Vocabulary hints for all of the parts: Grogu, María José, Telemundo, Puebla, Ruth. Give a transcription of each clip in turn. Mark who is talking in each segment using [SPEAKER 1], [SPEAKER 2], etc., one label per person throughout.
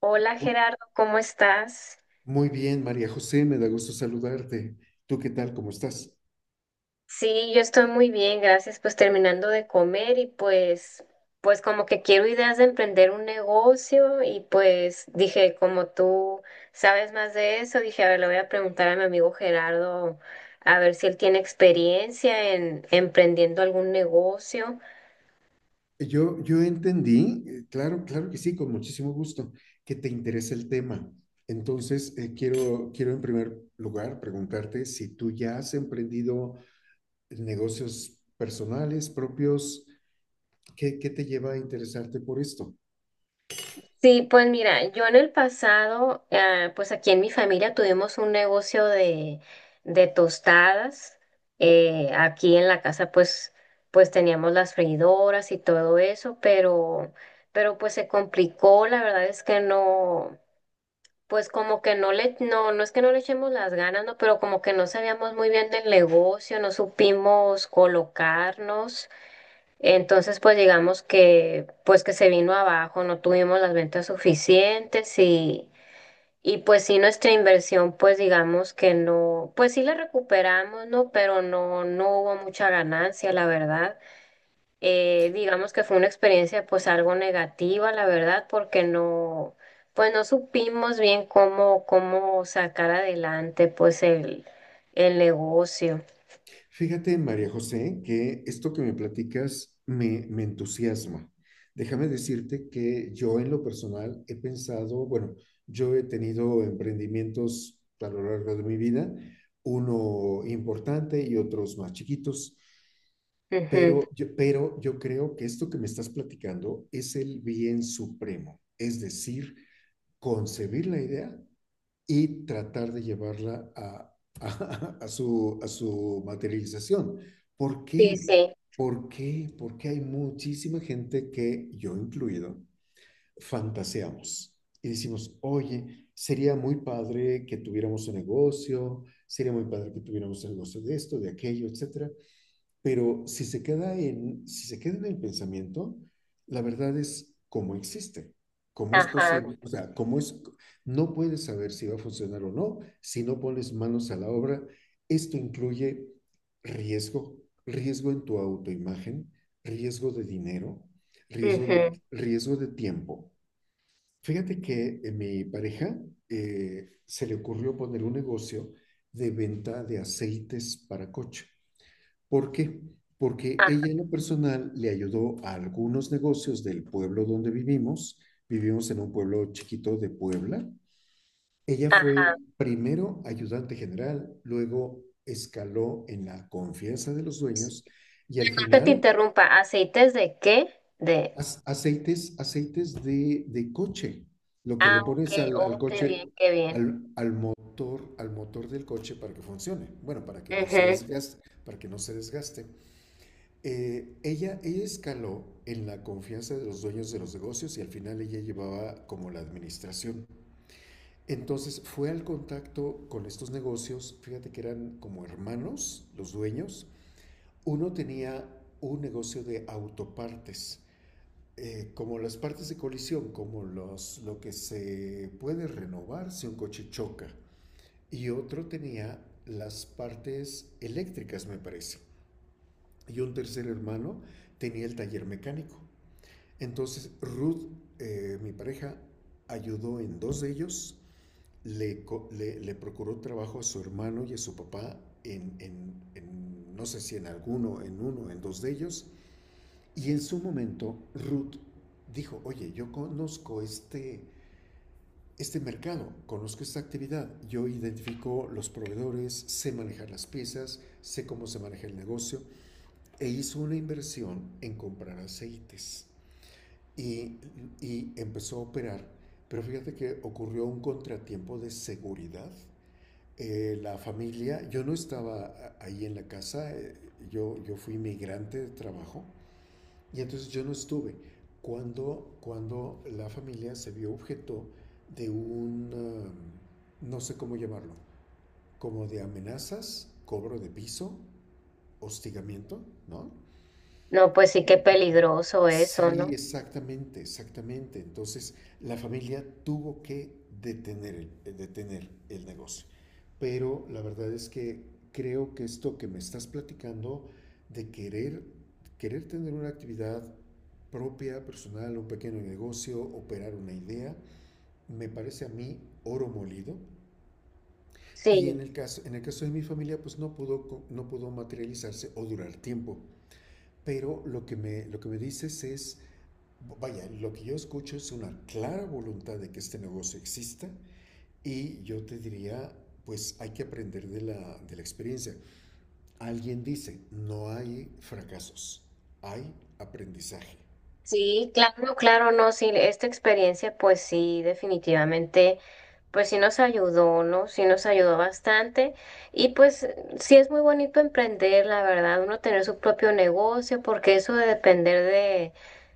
[SPEAKER 1] Hola Gerardo, ¿cómo estás?
[SPEAKER 2] Muy bien, María José, me da gusto saludarte. ¿Tú qué tal? ¿Cómo estás?
[SPEAKER 1] Sí, yo estoy muy bien, gracias. Pues terminando de comer y pues, como que quiero ideas de emprender un negocio y pues dije, como tú sabes más de eso, dije, a ver, le voy a preguntar a mi amigo Gerardo a ver si él tiene experiencia en emprendiendo algún negocio.
[SPEAKER 2] Yo entendí, claro, claro que sí, con muchísimo gusto, que te interesa el tema. Entonces, quiero en primer lugar preguntarte si tú ya has emprendido negocios personales, propios, ¿qué te lleva a interesarte por esto?
[SPEAKER 1] Sí, pues mira, yo en el pasado, ah, pues aquí en mi familia tuvimos un negocio de tostadas. Aquí en la casa, pues, teníamos las freidoras y todo eso, pero pues se complicó. La verdad es que no, pues como que no le, no, no es que no le echemos las ganas, no, pero como que no sabíamos muy bien del negocio, no supimos colocarnos. Entonces, pues digamos que pues que se vino abajo, no tuvimos las ventas suficientes y pues sí nuestra inversión, pues digamos que no, pues sí la recuperamos, ¿no? Pero no, no hubo mucha ganancia, la verdad. Digamos que fue una experiencia pues algo negativa, la verdad, porque no, pues no supimos bien cómo, cómo sacar adelante pues el negocio.
[SPEAKER 2] Fíjate, María José, que esto que me platicas me entusiasma. Déjame decirte que yo en lo personal he pensado, bueno, yo he tenido emprendimientos a lo largo de mi vida, uno importante y otros más chiquitos,
[SPEAKER 1] Ujú.
[SPEAKER 2] pero yo creo que esto que me estás platicando es el bien supremo, es decir, concebir la idea y tratar de llevarla a su, a su materialización. ¿Por
[SPEAKER 1] Sí,
[SPEAKER 2] qué?
[SPEAKER 1] sí,
[SPEAKER 2] ¿Por qué? Porque hay muchísima gente que, yo incluido, fantaseamos y decimos, oye, sería muy padre que tuviéramos un negocio, sería muy padre que tuviéramos un negocio de esto, de aquello, etcétera. Pero si se queda en el pensamiento, la verdad es cómo existe, cómo es
[SPEAKER 1] ajá,
[SPEAKER 2] posible, o sea, cómo es, no puedes saber si va a funcionar o no si no pones manos a la obra. Esto incluye riesgo, riesgo en tu autoimagen, riesgo de dinero,
[SPEAKER 1] ujú,
[SPEAKER 2] riesgo de tiempo. Fíjate que mi pareja se le ocurrió poner un negocio de venta de aceites para coche. ¿Por qué? Porque
[SPEAKER 1] ajá.
[SPEAKER 2] ella en lo personal le ayudó a algunos negocios del pueblo donde vivimos. Vivimos en un pueblo chiquito de Puebla. Ella fue primero ayudante general, luego escaló en la confianza de los dueños y al
[SPEAKER 1] Que te
[SPEAKER 2] final
[SPEAKER 1] interrumpa, ¿aceites de qué? De...
[SPEAKER 2] aceites, de coche, lo que
[SPEAKER 1] Ah,
[SPEAKER 2] le
[SPEAKER 1] ok,
[SPEAKER 2] pones al
[SPEAKER 1] oh, qué
[SPEAKER 2] coche,
[SPEAKER 1] bien, qué bien.
[SPEAKER 2] al motor del coche para que funcione, bueno, para que no se
[SPEAKER 1] Ujú.
[SPEAKER 2] desgaste, para que no se desgaste. Ella escaló en la confianza de los dueños de los negocios y al final ella llevaba como la administración. Entonces fue al contacto con estos negocios, fíjate que eran como hermanos los dueños. Uno tenía un negocio de autopartes, como las partes de colisión, como los, lo que se puede renovar si un coche choca. Y otro tenía las partes eléctricas, me parece. Y un tercer hermano tenía el taller mecánico. Entonces Ruth, mi pareja, ayudó en dos de ellos, le, le procuró trabajo a su hermano y a su papá en, no sé si en alguno, en uno, en dos de ellos. Y en su momento Ruth dijo, oye, este mercado, conozco esta actividad, yo identifico los proveedores, sé manejar las piezas, sé cómo se maneja el negocio, e hizo una inversión en comprar aceites y, y empezó a operar. Pero fíjate que ocurrió un contratiempo de seguridad. La familia, yo no estaba ahí en la casa, yo fui migrante de trabajo y entonces yo no estuve. Cuando la familia se vio objeto de un, no sé cómo llamarlo, como de amenazas, cobro de piso, hostigamiento, ¿no?
[SPEAKER 1] No, pues sí, qué peligroso eso,
[SPEAKER 2] Sí,
[SPEAKER 1] ¿no?
[SPEAKER 2] exactamente, exactamente. Entonces, la familia tuvo que detener el negocio. Pero la verdad es que creo que esto que me estás platicando de querer tener una actividad propia, personal, un pequeño negocio, operar una idea, me parece a mí oro molido. Y
[SPEAKER 1] Sí,
[SPEAKER 2] en el caso de mi familia, pues no pudo, no pudo materializarse o durar tiempo. Pero lo que me dices es, vaya, lo que yo escucho es una clara voluntad de que este negocio exista y yo te diría, pues hay que aprender de de la experiencia. Alguien dice, no hay fracasos, hay aprendizaje.
[SPEAKER 1] sí, claro, claro, no, sí, esta experiencia, pues sí, definitivamente. Pues sí nos ayudó, ¿no? Sí nos ayudó bastante. Y pues sí es muy bonito emprender, la verdad, uno tener su propio negocio, porque eso de depender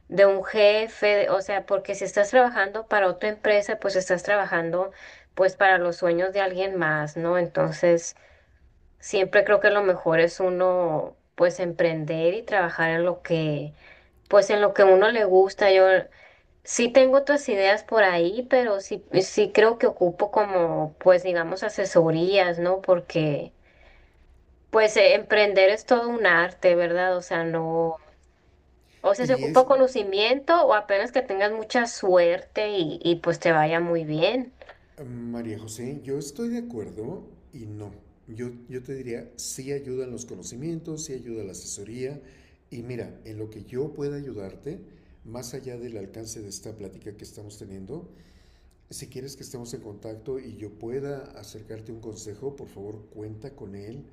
[SPEAKER 1] de un jefe, de- o sea, porque si estás trabajando para otra empresa, pues estás trabajando pues para los sueños de alguien más, ¿no? Entonces, siempre creo que lo mejor es uno pues emprender y trabajar en lo que, pues en lo que uno le gusta. Yo sí tengo otras ideas por ahí, pero sí, sí creo que ocupo como, pues digamos, asesorías, ¿no? Porque, pues, emprender es todo un arte, ¿verdad? O sea, no, o sea, se
[SPEAKER 2] Y
[SPEAKER 1] ocupa
[SPEAKER 2] es
[SPEAKER 1] conocimiento o apenas que tengas mucha suerte y pues te vaya muy bien.
[SPEAKER 2] María José, yo estoy de acuerdo y no. Yo te diría, sí ayudan los conocimientos, sí ayuda la asesoría. Y mira, en lo que yo pueda ayudarte, más allá del alcance de esta plática que estamos teniendo, si quieres que estemos en contacto y yo pueda acercarte un consejo, por favor cuenta con él,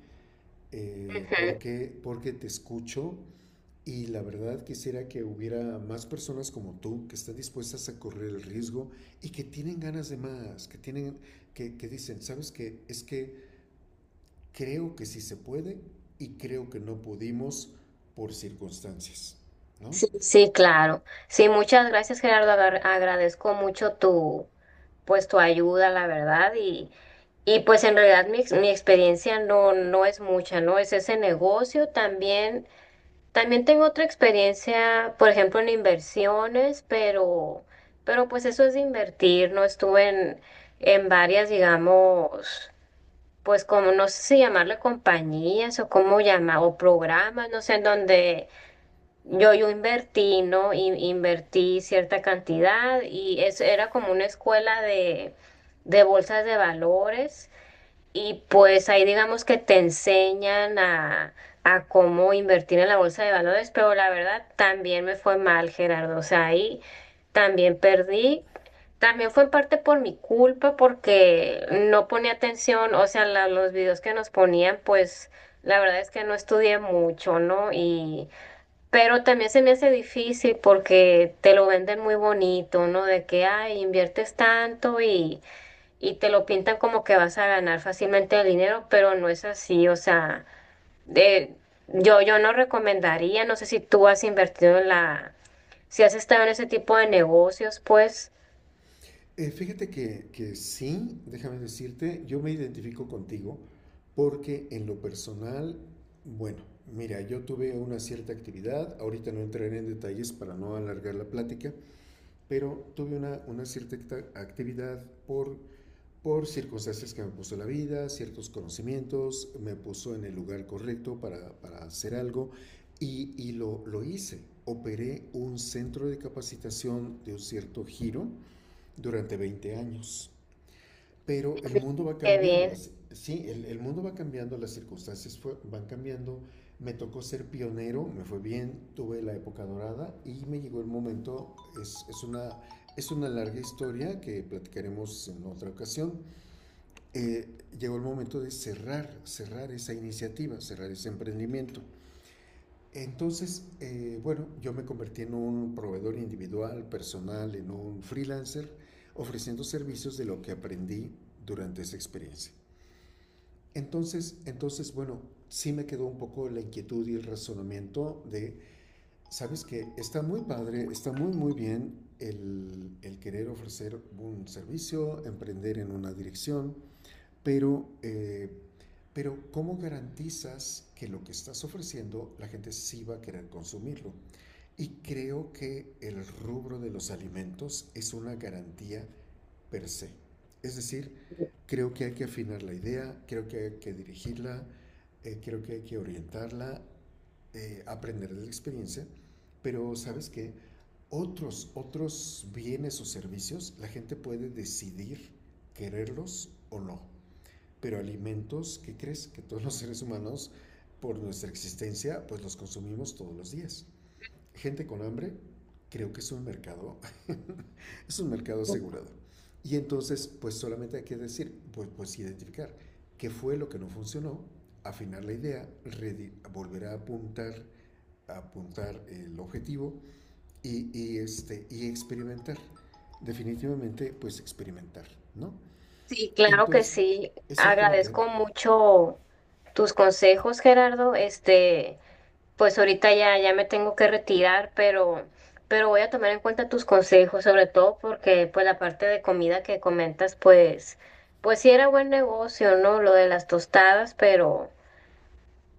[SPEAKER 1] Ujú.
[SPEAKER 2] porque te escucho y la verdad quisiera que hubiera más personas como tú que están dispuestas a correr el riesgo y que tienen ganas de más, que dicen, ¿sabes qué? Es que creo que sí se puede y creo que no pudimos por circunstancias, ¿no?
[SPEAKER 1] Sí, sí, claro. Sí, muchas gracias, Gerardo. Agar- agradezco mucho tu, pues, tu ayuda, la verdad, y... Y pues en realidad mi, ex- mi experiencia no, no es mucha, ¿no? Es ese negocio también. También tengo otra experiencia, por ejemplo, en inversiones, pero pues eso es de invertir, no estuve en varias, digamos, pues como no sé si llamarle compañías o cómo llama, o programas, no sé, en donde yo invertí, ¿no? In- invertí cierta cantidad y es, era como una escuela de bolsas de valores. Y pues ahí digamos que te enseñan a cómo invertir en la bolsa de valores, pero la verdad también me fue mal, Gerardo. O sea, ahí también perdí. También fue en parte por mi culpa porque no ponía atención, o sea, la- los videos que nos ponían, pues la verdad es que no estudié mucho, ¿no? Y pero también se me hace difícil porque te lo venden muy bonito, ¿no? De que, ay, inviertes tanto y te lo pintan como que vas a ganar fácilmente el dinero, pero no es así, o sea, de, yo no recomendaría, no sé si tú has invertido en la, si has estado en ese tipo de negocios, pues,
[SPEAKER 2] Que sí, déjame decirte, yo me identifico contigo porque en lo personal, bueno, mira, yo tuve una cierta actividad, ahorita no entraré en detalles para no alargar la plática, pero tuve una cierta actividad por circunstancias que me puso la vida, ciertos conocimientos, me puso en el lugar correcto para hacer algo y lo hice. Operé un centro de capacitación de un cierto giro durante 20 años. Pero el mundo va
[SPEAKER 1] qué
[SPEAKER 2] cambiando,
[SPEAKER 1] bien.
[SPEAKER 2] el mundo va cambiando, las circunstancias van cambiando. Me tocó ser pionero, me fue bien, tuve la época dorada y me llegó el momento, es, es una, es una larga historia que platicaremos en otra ocasión. Eh, llegó el momento de cerrar, cerrar esa iniciativa, cerrar ese emprendimiento. Entonces, bueno, yo me convertí en un proveedor individual, personal, en un freelancer, ofreciendo servicios de lo que aprendí durante esa experiencia. Entonces, bueno, sí me quedó un poco la inquietud y el razonamiento de, sabes que está muy padre, está muy, muy bien querer ofrecer un servicio, emprender en una dirección, pero, eh, pero ¿cómo garantizas que lo que estás ofreciendo la gente sí va a querer consumirlo? Y creo que el rubro de los alimentos es una garantía per se. Es decir, creo que hay que afinar la idea, creo que hay que dirigirla, creo que hay que orientarla, aprender de la experiencia, pero sabes que otros bienes o servicios la gente puede decidir quererlos o no. Pero alimentos, ¿qué crees? Que todos los seres humanos, por nuestra existencia, pues los consumimos todos los días gente con hambre, creo que es un mercado, es un mercado asegurado. Y entonces, pues solamente hay que decir, pues identificar qué fue lo que no funcionó, afinar la idea, volver a apuntar el objetivo y y experimentar. Definitivamente, pues experimentar, ¿no?
[SPEAKER 1] Sí, claro que
[SPEAKER 2] Entonces,
[SPEAKER 1] sí,
[SPEAKER 2] exactamente,
[SPEAKER 1] agradezco mucho tus consejos, Gerardo, este, pues ahorita ya, ya me tengo que retirar, pero voy a tomar en cuenta tus consejos, sobre todo porque pues la parte de comida que comentas, pues, pues sí era buen negocio, ¿no? Lo de las tostadas,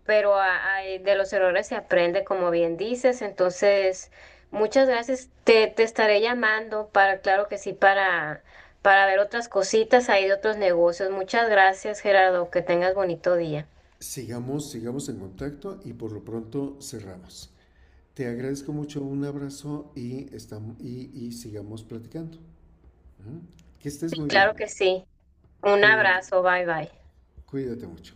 [SPEAKER 1] pero a- de los errores se aprende, como bien dices. Entonces, muchas gracias. Te estaré llamando para, claro que sí, para ver otras cositas ahí de otros negocios. Muchas gracias, Gerardo. Que tengas bonito día.
[SPEAKER 2] sigamos, sigamos en contacto y por lo pronto cerramos. Te agradezco mucho, un abrazo y y sigamos platicando. Ujú. Que estés muy bien.
[SPEAKER 1] Claro que sí. Un
[SPEAKER 2] Cuídate,
[SPEAKER 1] abrazo. Bye bye.
[SPEAKER 2] cuídate mucho.